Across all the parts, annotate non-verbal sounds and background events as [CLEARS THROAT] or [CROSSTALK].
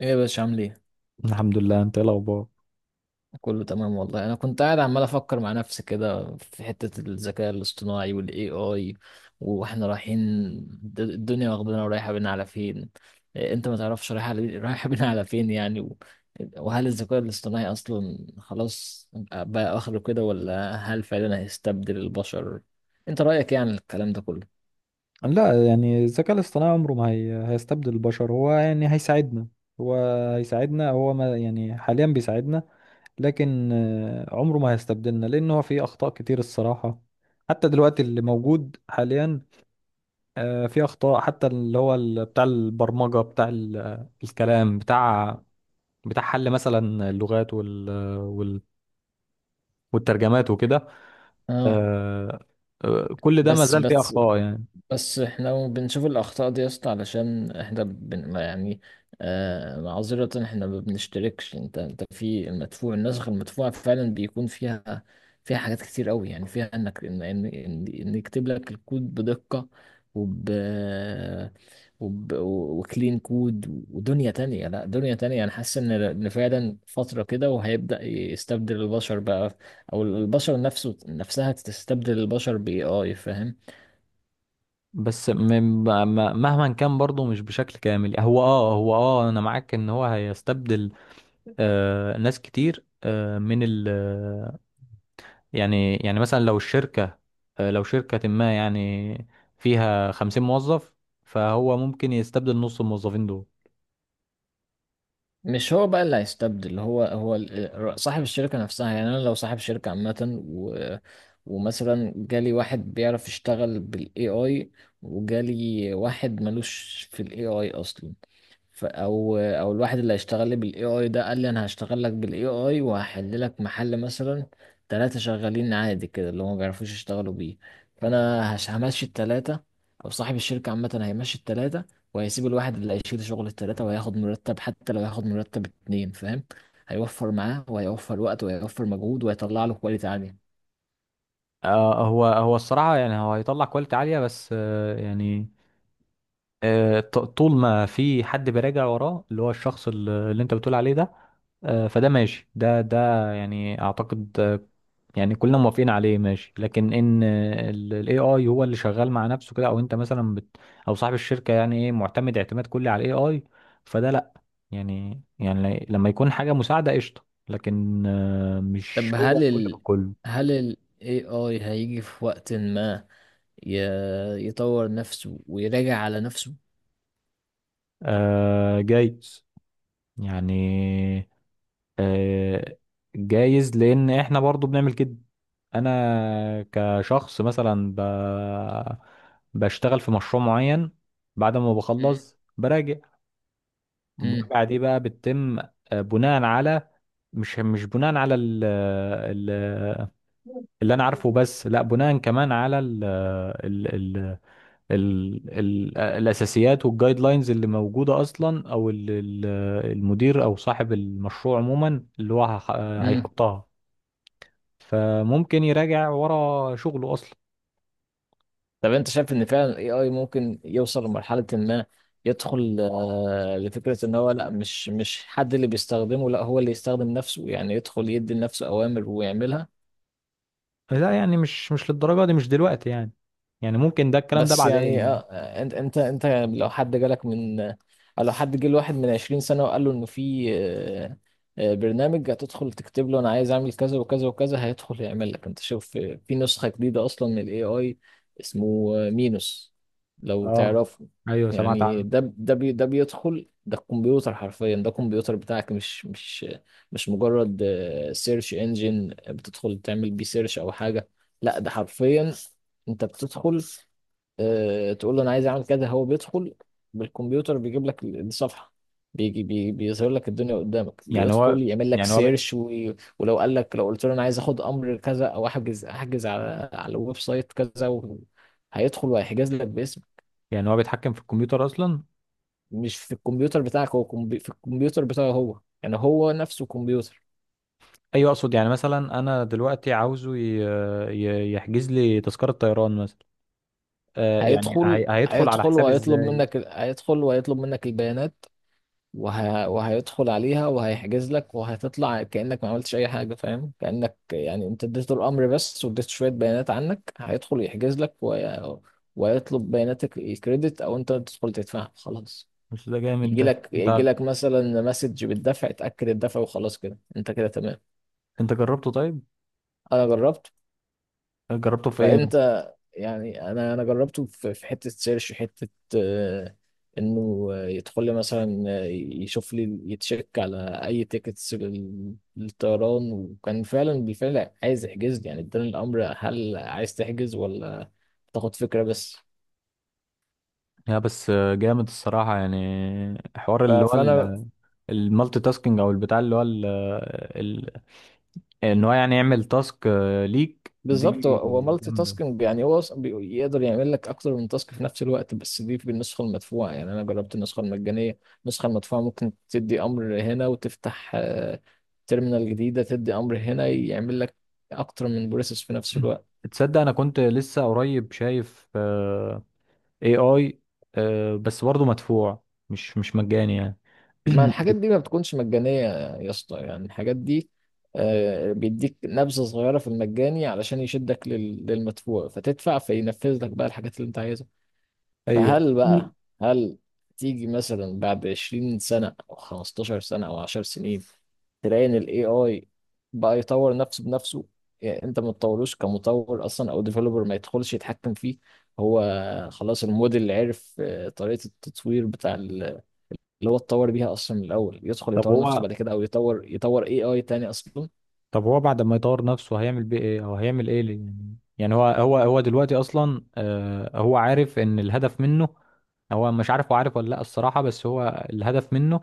ايه يا باشا عامل ايه؟ الحمد لله، انت ايه الاخبار؟ كله تمام والله. انا كنت قاعد عمال افكر مع نفسي كده في حتة الذكاء الاصطناعي والاي اي واحنا رايحين، الدنيا واخدنا ورايحة بينا على فين. إيه انت ما تعرفش [LAUGHS] رايحة بينا على فين يعني وهل الذكاء الاصطناعي اصلا خلاص بقى اخره كده، ولا هل فعلا هيستبدل البشر؟ انت رأيك يعني الكلام ده كله؟ لا يعني الذكاء الاصطناعي عمره ما هيستبدل البشر، هو يعني هيساعدنا. هو هيساعدنا هو ما يعني حاليا بيساعدنا، لكن عمره ما هيستبدلنا لان هو فيه اخطاء كتير الصراحة، حتى دلوقتي اللي موجود حاليا. فيه اخطاء، حتى اللي هو بتاع البرمجة، بتاع الكلام بتاع حل مثلا اللغات وال... والترجمات وكده. اه. آه، كل ده ما بس زال فيه بس اخطاء يعني. بس احنا بنشوف الأخطاء دي يا اسطى علشان احنا ما يعني. معذرة، احنا ما بنشتركش. انت في المدفوع. النسخ المدفوعة فعلا بيكون فيها حاجات كتير قوي، يعني فيها انك ان ان ان إن يكتب لك الكود بدقة وب وب وكلين كود. ودنيا تانية، لا دنيا تانية، انا حاسس إن فعلا فترة كده وهيبدأ يستبدل البشر بقى، او البشر نفسها تستبدل البشر باي اي فاهم. بس مهما كان برضه مش بشكل كامل. هو انا معاك ان هو هيستبدل ناس كتير آه من ال يعني مثلا لو الشركة آه لو شركة ما يعني فيها 50 موظف، فهو ممكن يستبدل نص الموظفين دول. مش هو بقى اللي هيستبدل، صاحب الشركة نفسها. يعني أنا لو صاحب شركة عامة و ومثلا جالي واحد بيعرف يشتغل بال AI، وجالي واحد ملوش في ال AI أصلا، او الواحد اللي هيشتغل لي بالاي اي ده قال لي انا هشتغل لك بالاي اي وهحل لك محل مثلا 3 شغالين عادي كده اللي هم ما بيعرفوش يشتغلوا بيه. فانا همشي الثلاثة، او صاحب الشركة عامة هيمشي الثلاثة وهيسيب الواحد اللي هيشيل شغل الثلاثة وهياخد مرتب، حتى لو هياخد مرتب اتنين فاهم. هيوفر معاه، وهيوفر وقت، وهيوفر مجهود، وهيطلع له كواليتي عالية. هو الصراحة يعني هو هيطلع كواليتي عالية، بس يعني ط- طول ما في حد بيراجع وراه، اللي هو الشخص اللي انت بتقول عليه ده، فده ماشي. ده ده يعني اعتقد يعني كلنا موافقين عليه ماشي. لكن ان الاي اي هو اللي شغال مع نفسه كده، او انت مثلا او صاحب الشركه يعني ايه معتمد اعتماد كلي على الاي اي، فده لا. يعني لما يكون حاجه مساعده قشطه، لكن مش طب هو هل الكل ال بكله. هل ال AI هيجي في وقت ما يطور نفسه ويراجع على نفسه؟ جايز، يعني آه، جايز لان احنا برضو بنعمل كده. انا كشخص مثلا بشتغل في مشروع معين، بعد ما بخلص براجع. امم. المراجعه دي بقى بتتم بناء على، مش بناء على اللي انا عارفه بس، لا بناء كمان على ال... ال... ال ال الأساسيات والجايد لاينز اللي موجودة أصلا، أو المدير أو صاحب المشروع عموما اللي هو امم. هيحطها، فممكن يراجع ورا شغله أصلا. طب انت شايف ان فعلا الاي اي ممكن يوصل لمرحله ما يدخل لفكره ان هو لا مش حد اللي بيستخدمه، لا هو اللي يستخدم نفسه، يعني يدخل يدي لنفسه اوامر ويعملها. لا يعني مش للدرجة دي، مش دلوقتي يعني. يعني ممكن الكلام ده بس يعني بعدين. انت لو حد جالك من او لو حد جه لواحد من 20 سنة وقال له انه في برنامج هتدخل تكتب له انا عايز اعمل كذا وكذا وكذا هيدخل يعمل لك. انت شوف، في نسخة جديدة اصلا من الاي اي اسمه مينوس، لو اه، تعرفه. ايوه سمعت يعني عنه. ده بيدخل ده الكمبيوتر حرفيا. ده الكمبيوتر بتاعك مش مجرد سيرش انجن بتدخل تعمل بيه سيرش او حاجة، لا ده حرفيا انت بتدخل تقول له انا عايز اعمل كذا، هو بيدخل بالكمبيوتر بيجيب لك الصفحه، بيجي بي بيظهر لك الدنيا قدامك يعني بيدخل يعمل لك يعني هو بي- سيرش. و... ولو قال لك لو قلت له انا عايز اخد امر كذا، او احجز على الويب سايت كذا، و... هيدخل وهيحجز لك باسم. يعني هو بيتحكم في الكمبيوتر اصلا؟ مش في الكمبيوتر بتاعك، في الكمبيوتر بتاعه هو، يعني هو نفسه كمبيوتر. ايوه اقصد يعني مثلا انا دلوقتي عاوزه يحجز لي تذكرة طيران مثلا. آه يعني هيدخل على حساب. هيدخل وهيطلب منك البيانات وهيدخل عليها وهيحجز لك وهتطلع كأنك ما عملتش أي حاجة فاهم. كأنك يعني أنت اديته الأمر بس، واديته شوية بيانات عنك، هيدخل يحجز لك ويطلب بياناتك الكريدت، أو أنت تدخل تدفع خلاص. بس ده جامد، يجي ده لك انت يجي لك مثلا مسج بالدفع، تأكد الدفع وخلاص كده أنت كده تمام. انت جربته طيب؟ أنا جربت. جربته في ايه مثلا؟ فانت، يعني انا جربته في حته سيرش، حته آه، انه يدخل لي مثلا يشوف لي يتشيك على اي تيكتس للطيران، وكان بالفعل عايز يحجز لي، يعني اداني الامر هل عايز تحجز ولا تاخد فكره بس. يا بس جامد الصراحة يعني، حوار اللي هو فانا المالتي تاسكينج او البتاع اللي هو ال ال ان هو يعني يعمل تاسك ليك بالظبط، هو دي. هو مالتي جامدة. تاسكينج، يعني هو يقدر يعمل لك اكتر من تاسك في نفس الوقت، بس دي بالنسخه المدفوعه. يعني انا جربت النسخه المجانيه. النسخه المدفوعه ممكن تدي امر هنا وتفتح تيرمينال جديده تدي امر هنا، يعمل لك اكتر من بروسيس في نفس الوقت. تصدق انا كنت لسه قريب شايف اي اي، بس برضه مدفوع، مش مجاني يعني. ما الحاجات دي [CLEARS THROAT] ما بتكونش مجانيه يا اسطى. يعني الحاجات دي بيديك نبذه صغيره في المجاني علشان يشدك للمدفوع، فتدفع فينفذ لك بقى الحاجات اللي انت عايزها. ايوه. فهل بقى هل تيجي مثلا بعد 20 سنة أو 15 سنة أو 10 سنين تلاقي إن ال AI بقى يطور نفسه بنفسه، يعني أنت ما تطوروش كمطور أصلا، أو ديفلوبر ما يدخلش يتحكم فيه. هو خلاص الموديل اللي عرف طريقة التطوير بتاع اللي هو اتطور بيها أصلا من الأول، يدخل طب يطور نفسه بعد كده، أو يطور AI تاني أصلا هو بعد ما يطور نفسه هيعمل بيه ايه او هيعمل ايه ليه؟ يعني هو دلوقتي اصلا آه هو عارف ان الهدف منه، هو مش عارف، هو عارف ولا لا الصراحة؟ بس هو الهدف منه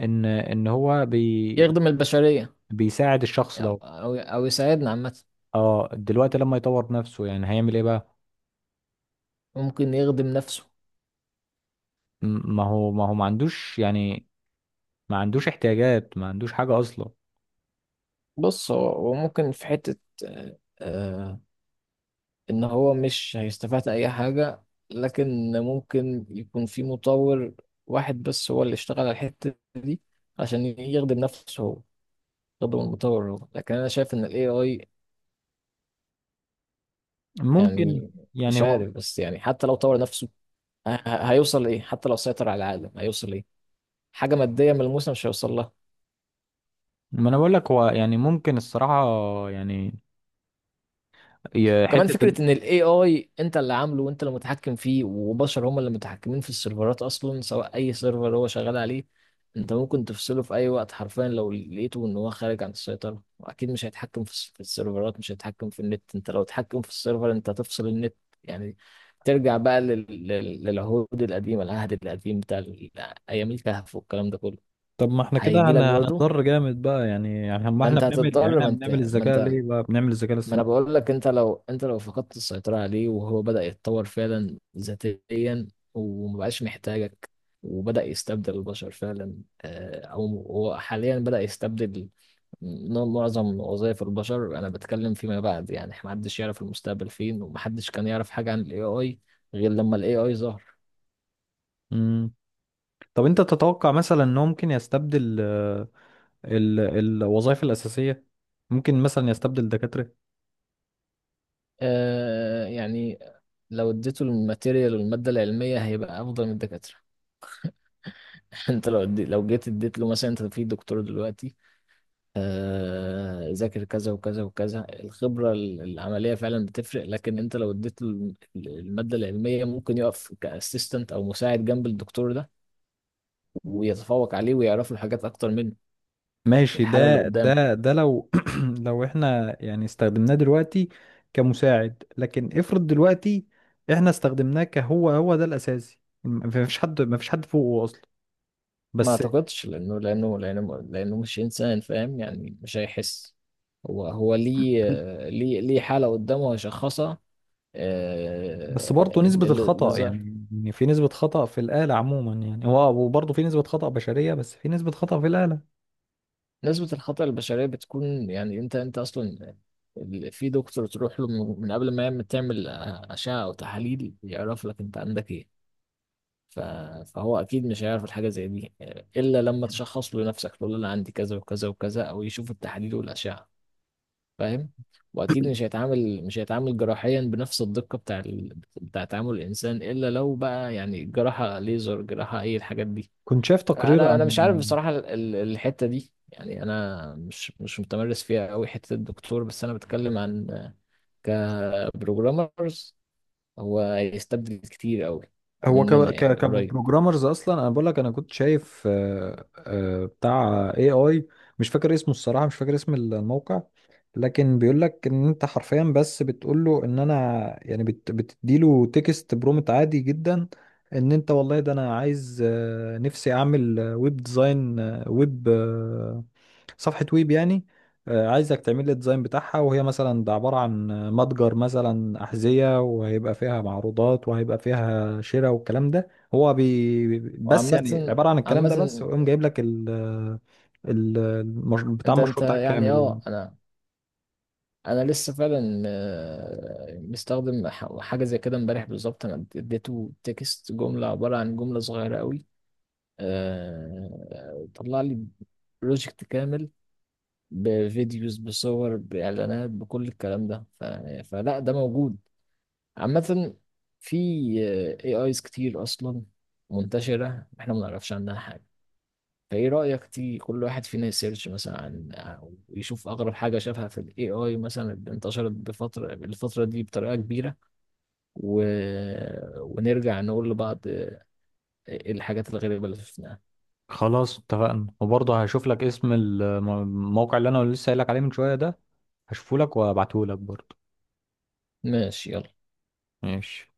ان ان هو بي يخدم البشرية، بيساعد الشخص يعني ده. أو يساعدنا عامة. اه، دلوقتي لما يطور نفسه يعني هيعمل ايه بقى؟ ممكن يخدم نفسه. ما هو ما عندوش يعني، ما عندوش احتياجات، ما عندوش حاجة اصلا. بص هو ممكن في حتة ان هو مش هيستفاد اي حاجة، لكن ممكن يكون في مطور واحد بس هو اللي اشتغل على الحتة دي عشان يخدم نفسه هو، يخدم المطور هو. لكن انا شايف ان الاي اي، ممكن يعني يعني مش هو، عارف، بس يعني حتى لو طور نفسه هيوصل لايه؟ حتى لو سيطر على العالم هيوصل لايه؟ حاجة مادية ملموسة مش هيوصل لها. ما انا بقول لك هو يعني ممكن الصراحة. يعني وكمان حتة فكرة ان الاي اي انت اللي عامله، وانت اللي متحكم فيه، وبشر هم اللي متحكمين في السيرفرات اصلا، سواء اي سيرفر هو شغال عليه. انت ممكن تفصله في اي وقت حرفيا لو لقيته ان هو خارج عن السيطرة. واكيد مش هيتحكم في في السيرفرات، مش هيتحكم في النت. انت لو اتحكم في السيرفر، انت هتفصل النت يعني. ترجع بقى للعهود القديمة، العهد القديم بتاع ايام الكهف والكلام ده كله. طب ما احنا كده هيجي لك برضه. هنضر جامد بقى. يعني ما ما احنا انت بنعمل، يعني هتضطر احنا ما انت بنعمل ما الذكاء انت ليه بقى، بنعمل الذكاء ما انا الاصطناعي. بقول لك، انت لو فقدت السيطرة عليه، وهو بدأ يتطور فعلا ذاتيا، ومبقاش محتاجك، وبدأ يستبدل البشر فعلا، او هو حاليا بدأ يستبدل معظم وظائف البشر. انا بتكلم فيما بعد يعني، محدش يعرف المستقبل فين، ومحدش كان يعرف حاجة عن الاي اي غير لما الاي اي ظهر. امم. طب انت تتوقع مثلا انه ممكن يستبدل الوظائف الأساسية؟ ممكن مثلا يستبدل دكاترة؟ آه، يعني لو اديته الماتيريال والمادة العلمية هيبقى افضل من الدكاترة. [LAUGHS] انت لو جيت اديت له مثلا، انت في دكتور دلوقتي ذاكر كذا وكذا وكذا، الخبرة العملية فعلا بتفرق، لكن انت لو اديت المادة العلمية ممكن يقف كاسيستنت او مساعد جنب الدكتور ده، ويتفوق عليه، ويعرف له حاجات اكتر منه ماشي، بالحالة اللي ده قدامه. ده ده لو [CLEARS THROAT] لو احنا يعني استخدمناه دلوقتي كمساعد، لكن افرض دلوقتي احنا استخدمناه كهو، هو ده الأساسي، ما فيش حد فوقه أصلا. ما بس اعتقدش لانه مش انسان فاهم، يعني مش هيحس. هو ليه ليه حالة قدامه هيشخصها؟ برضه اللي نسبة اللي الخطأ، ظهر. يعني إن في نسبة خطأ في الآلة عموما، يعني هو وبرضه في نسبة خطأ بشرية بس في نسبة خطأ في الآلة. نسبة الخطأ البشرية بتكون، يعني انت اصلا في دكتور تروح له من قبل ما تعمل أشعة او تحاليل يعرف لك انت عندك ايه. ف- فهو اكيد مش هيعرف الحاجة زي دي الا لما تشخص له نفسك، تقول له انا عندي كذا وكذا وكذا، او يشوف التحاليل والأشعة فاهم. واكيد مش هيتعامل جراحيا بنفس الدقة بتاع بتاع تعامل الانسان، الا لو بقى يعني جراحة ليزر، جراحة اي الحاجات دي. كنت شايف تقرير انا عن انا مش عارف بصراحه الحته دي، يعني انا مش متمرس فيها قوي حته الدكتور، بس انا بتكلم عن كبروجرامرز هو هيستبدل كتير قوي هو ك مننا ك يعني، قريب. كبروجرامرز اصلا. انا بقول لك انا كنت شايف بتاع اي اي، مش فاكر اسمه الصراحة، مش فاكر اسم الموقع، لكن بيقول لك ان انت حرفيا بس بتقول له ان انا، يعني بتديله تكست برومت عادي جدا، ان انت والله ده انا عايز نفسي اعمل ويب ديزاين، ويب صفحة ويب يعني، عايزك تعمل لي الديزاين بتاعها وهي مثلا ده عبارة عن متجر مثلا أحذية، وهيبقى فيها معروضات وهيبقى فيها شراء والكلام ده. هو بس يعني وعامه عبارة عن الكلام عامه ده بس، ويقوم جايب لك بتاع انت المشروع بتاعك كامل يعني. انا لسه فعلا مستخدم حاجه زي كده امبارح بالظبط. انا اديته تكست، جمله عباره عن جمله صغيره قوي، طلع لي بروجكت كامل، بفيديوز، بصور، بإعلانات، بكل الكلام ده. فلا ده موجود عامة. في AIs كتير أصلا منتشرة إحنا ما نعرفش عنها حاجة. فإيه رأيك، تي كل واحد فينا يسيرش مثلا عن ويشوف أغرب حاجة شافها في ال AI مثلا اللي انتشرت الفترة دي بطريقة كبيرة، و... ونرجع نقول لبعض إيه الحاجات الغريبة اللي شفناها. خلاص اتفقنا، وبرضه هشوف لك اسم الموقع اللي انا لسه قايل لك عليه من شويه ده، هشوفه لك وابعته لك برضه. ماشي يلا. ماشي.